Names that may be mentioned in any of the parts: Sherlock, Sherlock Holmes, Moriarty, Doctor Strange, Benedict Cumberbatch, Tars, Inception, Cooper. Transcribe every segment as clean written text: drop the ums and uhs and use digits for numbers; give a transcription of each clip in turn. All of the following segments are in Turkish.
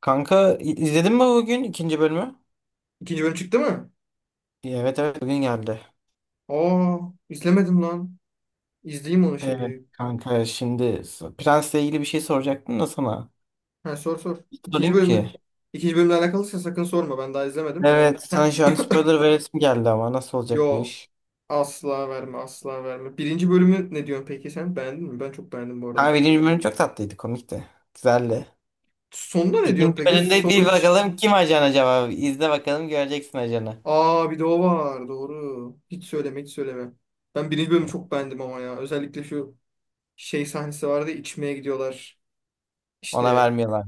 Kanka izledin mi bugün ikinci bölümü? İkinci bölüm çıktı mı? Evet, evet, bugün geldi. Aa, izlemedim lan. İzleyeyim onu Evet şimdi. kanka, şimdi Prens'le ilgili bir şey soracaktım da sana. Ha, sor sor. Hiç İkinci sorayım ki. bölüm ikinci bölümle alakalıysa sakın sorma. Ben daha izlemedim. Evet, Heh, sana şu an spoiler veresim geldi ama nasıl olacak bu yo, iş? asla verme, asla verme. Birinci bölümü ne diyorsun peki sen? Beğendin mi? Ben çok beğendim bu arada. Kanka birinci bölüm çok tatlıydı, komikti. Güzeldi. Sonunda ne İkinci diyorsun peki? bölümde bir Sonuç. bakalım kim ajan acaba? İzle bakalım, göreceksin ajanı. Aa, bir de o var. Doğru. Hiç söyleme, hiç söyleme. Ben birinci bölümü çok beğendim ama ya. Özellikle şu şey sahnesi vardı. Ya, içmeye gidiyorlar. Ona İşte vermiyorlar.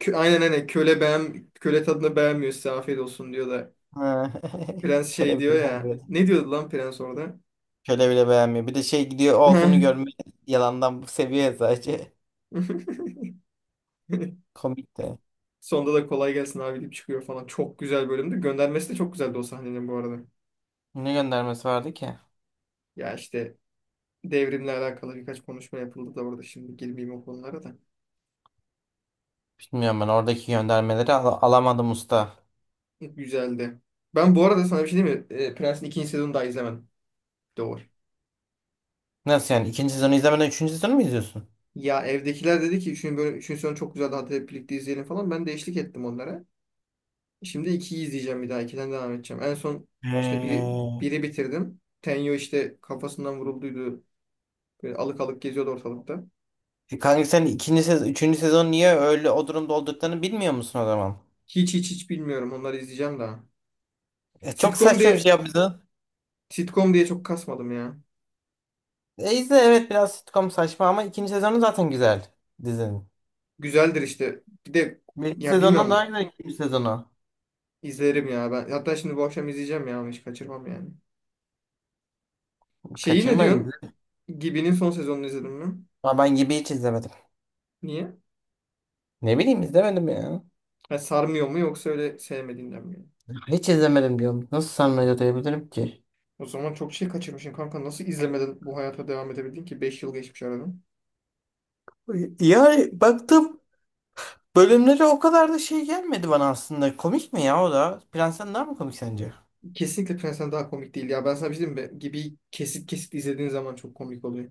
aynen aynen, köle beğen, köle tadını beğenmiyor, size afiyet olsun diyor da, Ha. Prens şey Köle diyor bile ya. beğenmiyor. Ne diyordu lan prens orada? Köle bile beğenmiyor. Bir de şey gidiyor olduğunu görmeyi yalandan seviyor sadece. Komik de. Sonda da kolay gelsin abi deyip çıkıyor falan. Çok güzel bölümdü. Göndermesi de çok güzeldi o sahnenin bu arada. Ne göndermesi vardı ki? Ya işte, devrimle alakalı birkaç konuşma yapıldı da orada. Şimdi girmeyeyim o konulara da. Bilmiyorum, ben oradaki göndermeleri alamadım usta. Güzeldi. Ben bu arada sana bir şey diyeyim mi? E, Prens'in ikinci sezonunu daha izlemedim. Doğru. Nasıl yani, ikinci sezonu izlemeden üçüncü sezonu mu izliyorsun? Ya evdekiler dedi ki 3. bölüm, üçüncü sezon çok güzeldi, hadi hep birlikte izleyelim falan. Ben de eşlik ettim onlara. Şimdi ikiyi izleyeceğim bir daha. İkiden devam edeceğim. En son işte biri, Ee, biri bitirdim. Tenyo işte kafasından vurulduydu. Böyle alık alık geziyordu ortalıkta. E kanka sen ikinci sezon, üçüncü sezon niye öyle o durumda olduklarını bilmiyor musun o zaman? Hiç hiç hiç bilmiyorum. Onları izleyeceğim daha. E çok Sitcom saçma bir diye şey yaptı. sitcom diye çok kasmadım ya. E izle, evet biraz sitcom saçma ama ikinci sezonu zaten güzel dizinin. Güzeldir işte. Bir de Birinci ya sezondan daha bilmiyorum, güzel ikinci sezonu. izlerim ya ben. Hatta şimdi bu akşam izleyeceğim ya. Onu hiç kaçırmam yani. Şeyi ne Kaçırma, izle. diyorsun? Gibi'nin son sezonunu izledin mi? Ama ben gibi hiç izlemedim. Niye? Ne bileyim, izlemedim ya. Ha, sarmıyor mu yoksa öyle sevmediğinden mi? Hiç izlemedim diyorum. Nasıl sana öyle diyebilirim ki? O zaman çok şey kaçırmışsın kanka. Nasıl izlemeden bu hayata devam edebildin ki? 5 yıl geçmiş aradan. Yani baktım, bölümleri o kadar da şey gelmedi bana aslında. Komik mi ya o da? Prensen daha mı komik sence? Kesinlikle Prens'ten daha komik değil ya. Ben sana bir şey diyeyim mi? Gibi kesit kesit izlediğin zaman çok komik oluyor.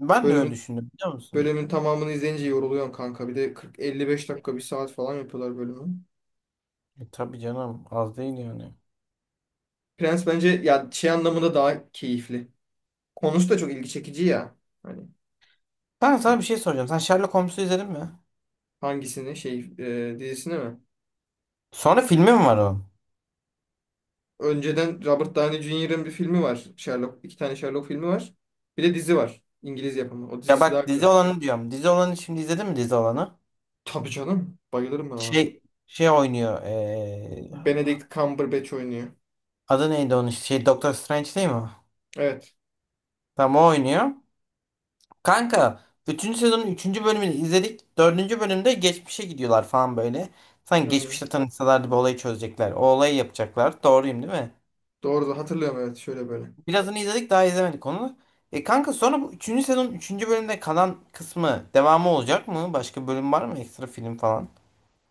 Ben de öyle Bölümün düşündüm, biliyor musun? bölümün tamamını izleyince yoruluyorsun kanka. Bir de 40-55 dakika, bir saat falan yapıyorlar bölümü. E, tabii canım, az değil yani. Prens bence ya şey anlamında daha keyifli. Konusu da çok ilgi çekici ya. Hani Ben sana bir- bir şey soracağım. Sen Sherlock Holmes'u izledin mi? hangisini, şey, dizisini mi? Sonra filmi mi var o? Önceden Robert Downey Jr.'ın bir filmi var. Sherlock, iki tane Sherlock filmi var. Bir de dizi var. İngiliz yapımı. O Ya dizisi daha bak, güzel. dizi olanı diyorum. Dizi olanı, şimdi izledin mi dizi olanı? Tabii canım. Bayılırım ben ona. Şey şey oynuyor. Benedict Cumberbatch oynuyor. Adı neydi onun? Şey, Doctor Strange değil mi? Tam Evet. o oynuyor. Kanka bütün sezonun üçüncü bölümünü izledik. Dördüncü bölümde geçmişe gidiyorlar falan böyle. Sanki Hı. geçmişte tanışsalardı bir olayı çözecekler. O olayı yapacaklar. Doğruyum değil mi? Doğru, da hatırlıyorum, evet, şöyle böyle. Birazını izledik, daha izlemedik onu. E kanka, sonra bu üçüncü sezonun üçüncü bölümde kalan kısmı, devamı olacak mı? Başka bölüm var mı? Ekstra film falan.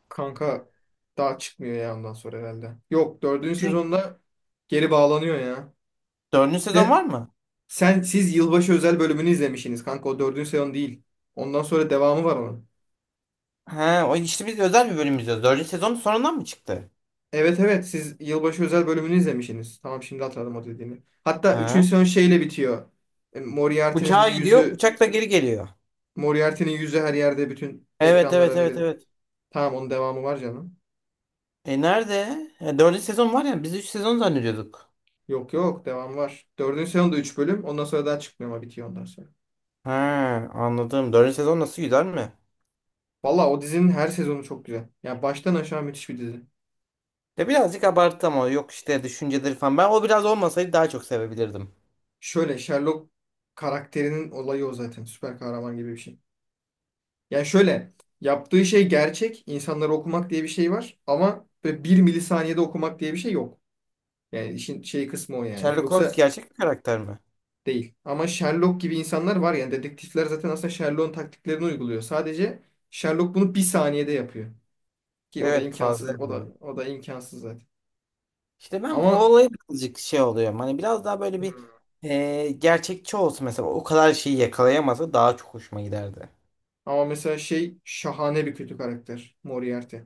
Kanka daha çıkmıyor ya ondan sonra herhalde. Yok, dördüncü Çünkü sezonda geri bağlanıyor ya. dördüncü sezon De, var mı? sen, siz yılbaşı özel bölümünü izlemişsiniz kanka, o dördüncü sezon değil. Ondan sonra devamı var onun. He, o işte biz özel bir bölüm izliyoruz. Dördüncü sezon sonundan mı çıktı? Evet, evet, siz yılbaşı özel bölümünü izlemişsiniz. Tamam, şimdi hatırladım o dediğini. Hatta He. üçüncü sezon şeyle bitiyor. E, Moriarty'nin Uçağa gidiyor, yüzü uçakla geri geliyor. Moriarty'nin yüzü her yerde bütün Evet, evet, ekranlara evet, verilir. evet. Tamam, onun devamı var canım. E nerede? E, dördüncü sezon var ya, biz üç sezon zannediyorduk. Yok yok, devamı var. Dördüncü sezon da 3 bölüm. Ondan sonra daha çıkmıyor ama bitiyor ondan sonra. He, anladım. Dördüncü sezon nasıl, güzel mi? Valla o dizinin her sezonu çok güzel. Yani baştan aşağı müthiş bir dizi. Ya birazcık abarttı ama, yok işte düşünceleri falan. Ben o biraz olmasaydı daha çok sevebilirdim. Şöyle, Sherlock karakterinin olayı o zaten. Süper kahraman gibi bir şey. Yani şöyle, yaptığı şey gerçek. İnsanları okumak diye bir şey var. Ama böyle bir milisaniyede okumak diye bir şey yok. Yani işin şey kısmı o yani. Sherlock Holmes Yoksa gerçek bir karakter mi? değil. Ama Sherlock gibi insanlar var yani. Dedektifler zaten aslında Sherlock'un taktiklerini uyguluyor. Sadece Sherlock bunu bir saniyede yapıyor. Ki o da Evet, fazla imkansız. O da yapıyorum. o da imkansız zaten. İşte ben o Ama olaya birazcık şey oluyorum. Hani biraz daha böyle bir, hmm, e, gerçekçi olsun mesela. O kadar şeyi yakalayamasa daha çok hoşuma giderdi. ama mesela şey, şahane bir kötü karakter Moriarty.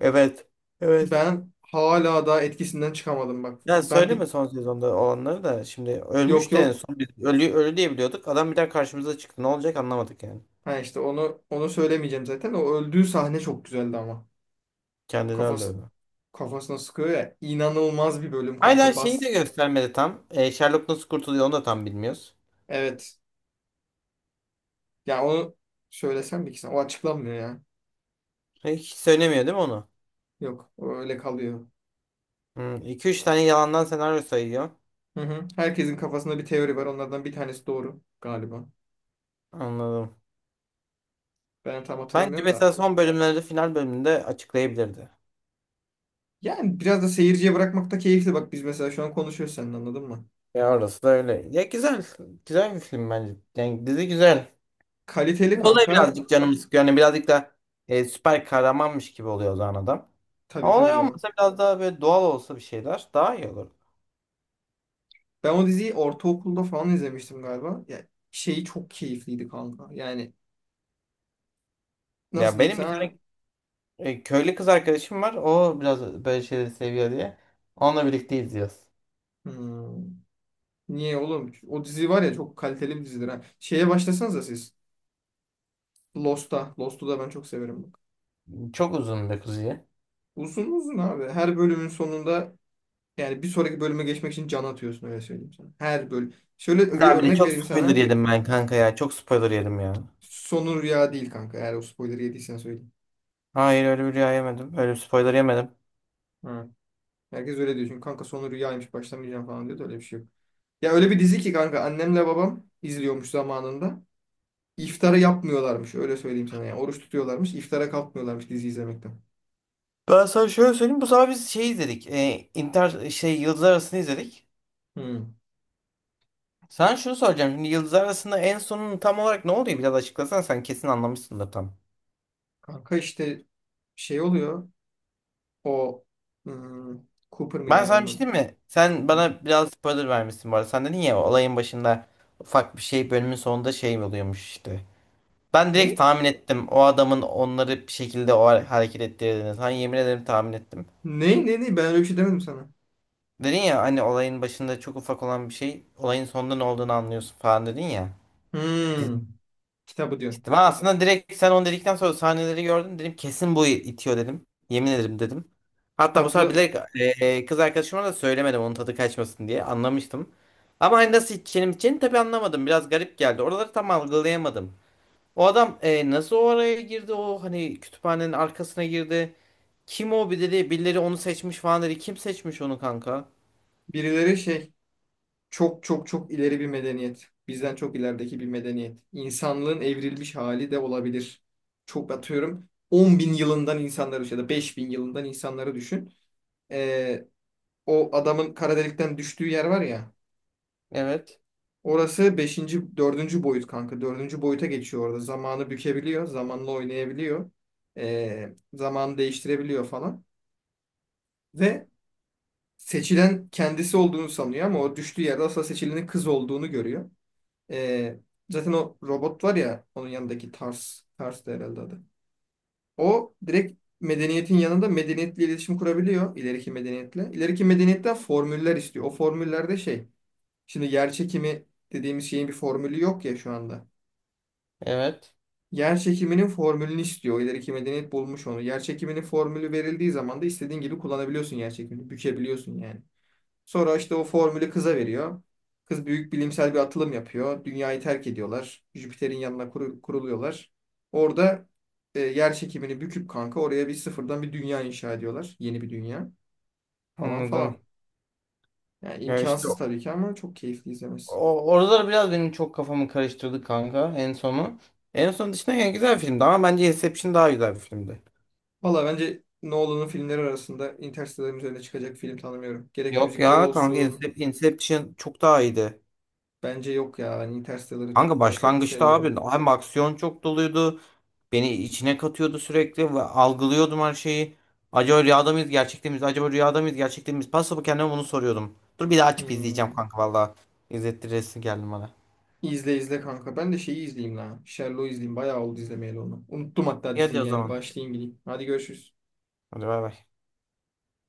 Evet. Evet. Ben hala daha etkisinden çıkamadım bak. Ya Ben bir, söyleme son sezonda olanları da, şimdi yok ölmüş de en yok. son biz ölü, ölü diye biliyorduk. Adam bir daha karşımıza çıktı. Ne olacak, anlamadık yani. Ha, işte onu söylemeyeceğim zaten. O öldüğü sahne çok güzeldi ama. Kendini Kafası öldürdü. kafasına sıkıyor ya. İnanılmaz bir bölüm Hala kanka şeyi bas. de göstermedi tam. E, Sherlock nasıl kurtuluyor onu da tam bilmiyoruz. Evet. Ya onu söylesem bir kişisine. O açıklanmıyor ya. E, hiç söylemiyor değil mi onu? Yok. O öyle kalıyor. Hmm, 2-3 tane yalandan senaryo sayıyor. Hı hı. Herkesin kafasında bir teori var. Onlardan bir tanesi doğru galiba. Anladım. Ben tam Bence hatırlamıyorum mesela da, son bölümlerde, final bölümünde açıklayabilirdi. yani biraz da seyirciye bırakmak da keyifli. Bak, biz mesela şu an konuşuyoruz seninle, anladın mı? Ya orası da öyle. Ya güzel. Güzel bir film bence. Yani dizi güzel. Kaliteli Olay kanka. birazcık canımı sıkıyor. Yani birazcık da, e, süper kahramanmış gibi oluyor o zaman adam. Tabii, Ama tabii olay canım. olmasa biraz daha böyle doğal olsa, bir şeyler daha iyi olur. Ben o diziyi ortaokulda falan izlemiştim galiba. Ya şeyi çok keyifliydi kanka. Yani nasıl Ya diyeyim benim bir tane, sana? e, köylü kız arkadaşım var. O biraz böyle şeyleri seviyor diye. Onunla birlikte izliyoruz. Hmm, niye oğlum? O dizi var ya, çok kaliteli bir dizidir ha. Şeye başlasanıza siz. Lost'a. Lost'u da ben çok severim bak. Çok uzun bir kuzuyu. Uzun uzun abi. Her bölümün sonunda, yani bir sonraki bölüme geçmek için can atıyorsun, öyle söyleyeyim sana. Her bölüm. Şöyle bir Ya bir de örnek çok vereyim spoiler sana. yedim ben kanka ya. Çok spoiler yedim ya. Sonu rüya değil kanka. Eğer o spoiler'ı yediysen söyleyeyim. Hayır, öyle bir rüya yemedim. Öyle bir spoiler yemedim. Hı. Herkes öyle diyor. Çünkü kanka, sonu rüyaymış, başlamayacağım falan diyor da öyle bir şey yok. Ya öyle bir dizi ki kanka, annemle babam izliyormuş zamanında. İftara yapmıyorlarmış, öyle söyleyeyim sana. Yani oruç tutuyorlarmış, iftara kalkmıyorlarmış dizi izlemekten. Ben sana şöyle söyleyeyim. Bu sefer biz şey izledik. E, inter şey, Yıldızlar Arası'nı izledik. Hı. Sen şunu soracağım. Şimdi yıldızlar arasında en sonun tam olarak ne oluyor? Biraz açıklasan, sen kesin anlamışsındır tam. Kanka işte şey oluyor, o, hmm, Cooper mıydı Ben sana bir adamın şey adı? diyeyim mi? Sen Hı. bana biraz spoiler vermişsin bu arada. Sen dedin ya, olayın başında ufak bir şey, bölümün sonunda şey oluyormuş işte. Ben direkt Ne? tahmin ettim. O adamın onları bir şekilde o hareket ettirdiğini. Sana yemin ederim, tahmin ettim. Ne ne ne, ben öyle bir şey demedim sana. Dedin ya hani, olayın başında çok ufak olan bir şey olayın sonunda ne olduğunu anlıyorsun falan dedin ya. Hmm, Kitabı diyor. İşte ben aslında direkt, sen onu dedikten sonra sahneleri gördüm. Dedim kesin bu itiyor dedim. Yemin ederim dedim. Hatta bu sefer Kitaplı, bilerek, e, kız arkadaşıma da söylemedim onun tadı kaçmasın diye. Anlamıştım. Ama hani nasıl içeceğini tabii anlamadım. Biraz garip geldi. Oraları tam algılayamadım. O adam, e, nasıl oraya girdi? O hani kütüphanenin arkasına girdi. Kim o bir dedi. Birileri onu seçmiş falan dedi. Kim seçmiş onu kanka? birileri şey, çok çok çok ileri bir medeniyet. Bizden çok ilerideki bir medeniyet. İnsanlığın evrilmiş hali de olabilir. Çok atıyorum, 10 bin yılından insanları ya da 5 bin yılından insanları düşün. Ee, O adamın kara delikten düştüğü yer var ya. Evet. Orası beşinci, dördüncü boyut kanka. Dördüncü boyuta geçiyor orada. Zamanı bükebiliyor. Zamanla oynayabiliyor. Zamanı değiştirebiliyor falan. Ve seçilen kendisi olduğunu sanıyor ama o düştüğü yerde asla seçilenin kız olduğunu görüyor. Ee, Zaten o robot var ya onun yanındaki, Tars. Tars da herhalde adı. O direkt medeniyetin yanında, medeniyetle iletişim kurabiliyor. İleriki medeniyetle. İleriki medeniyetten formüller istiyor. O formüllerde şey. Şimdi yer çekimi dediğimiz şeyin bir formülü yok ya şu anda. Evet. Yer çekiminin formülünü istiyor. O ileriki medeniyet bulmuş onu. Yer çekiminin formülü verildiği zaman da istediğin gibi kullanabiliyorsun yer çekimini. Bükebiliyorsun yani. Sonra işte o formülü kıza veriyor. Kız büyük bilimsel bir atılım yapıyor. Dünyayı terk ediyorlar. Jüpiter'in yanına kuruluyorlar. Orada, yer çekimini büküp kanka, oraya bir sıfırdan bir dünya inşa ediyorlar. Yeni bir dünya, falan Anladım. falan. Yani Ya işte imkansız tabii ki ama çok keyifli izlemesi. o, oraları biraz benim çok kafamı karıştırdı kanka en sonu. En son dışında yani güzel filmdi ama bence Inception daha güzel bir filmdi. Valla bence Nolan'ın filmleri arasında Interstellar'ın üzerine çıkacak film tanımıyorum. Gerek Yok müzikleri ya kanka, olsun. Inception çok daha iyiydi. Bence yok ya. Ben Interstellar'ı Kanka çok başlangıçta abi seviyorum. hem aksiyon çok doluydu. Beni içine katıyordu sürekli ve algılıyordum her şeyi. Acaba rüyada mıyız gerçekte miyiz? Acaba rüyada mıyız gerçekte miyiz? Pasapı kendime bunu soruyordum. Dur bir daha açıp izleyeceğim Hmm. kanka valla. İzlettiresin geldim bana. İzle izle kanka. Ben de şeyi izleyeyim la. Sherlock'u izleyeyim. Bayağı oldu izlemeyeli onu. Unuttum hatta İyi hadi diziyi o yani. zaman. Başlayayım gideyim. Hadi görüşürüz. Hadi bay bay.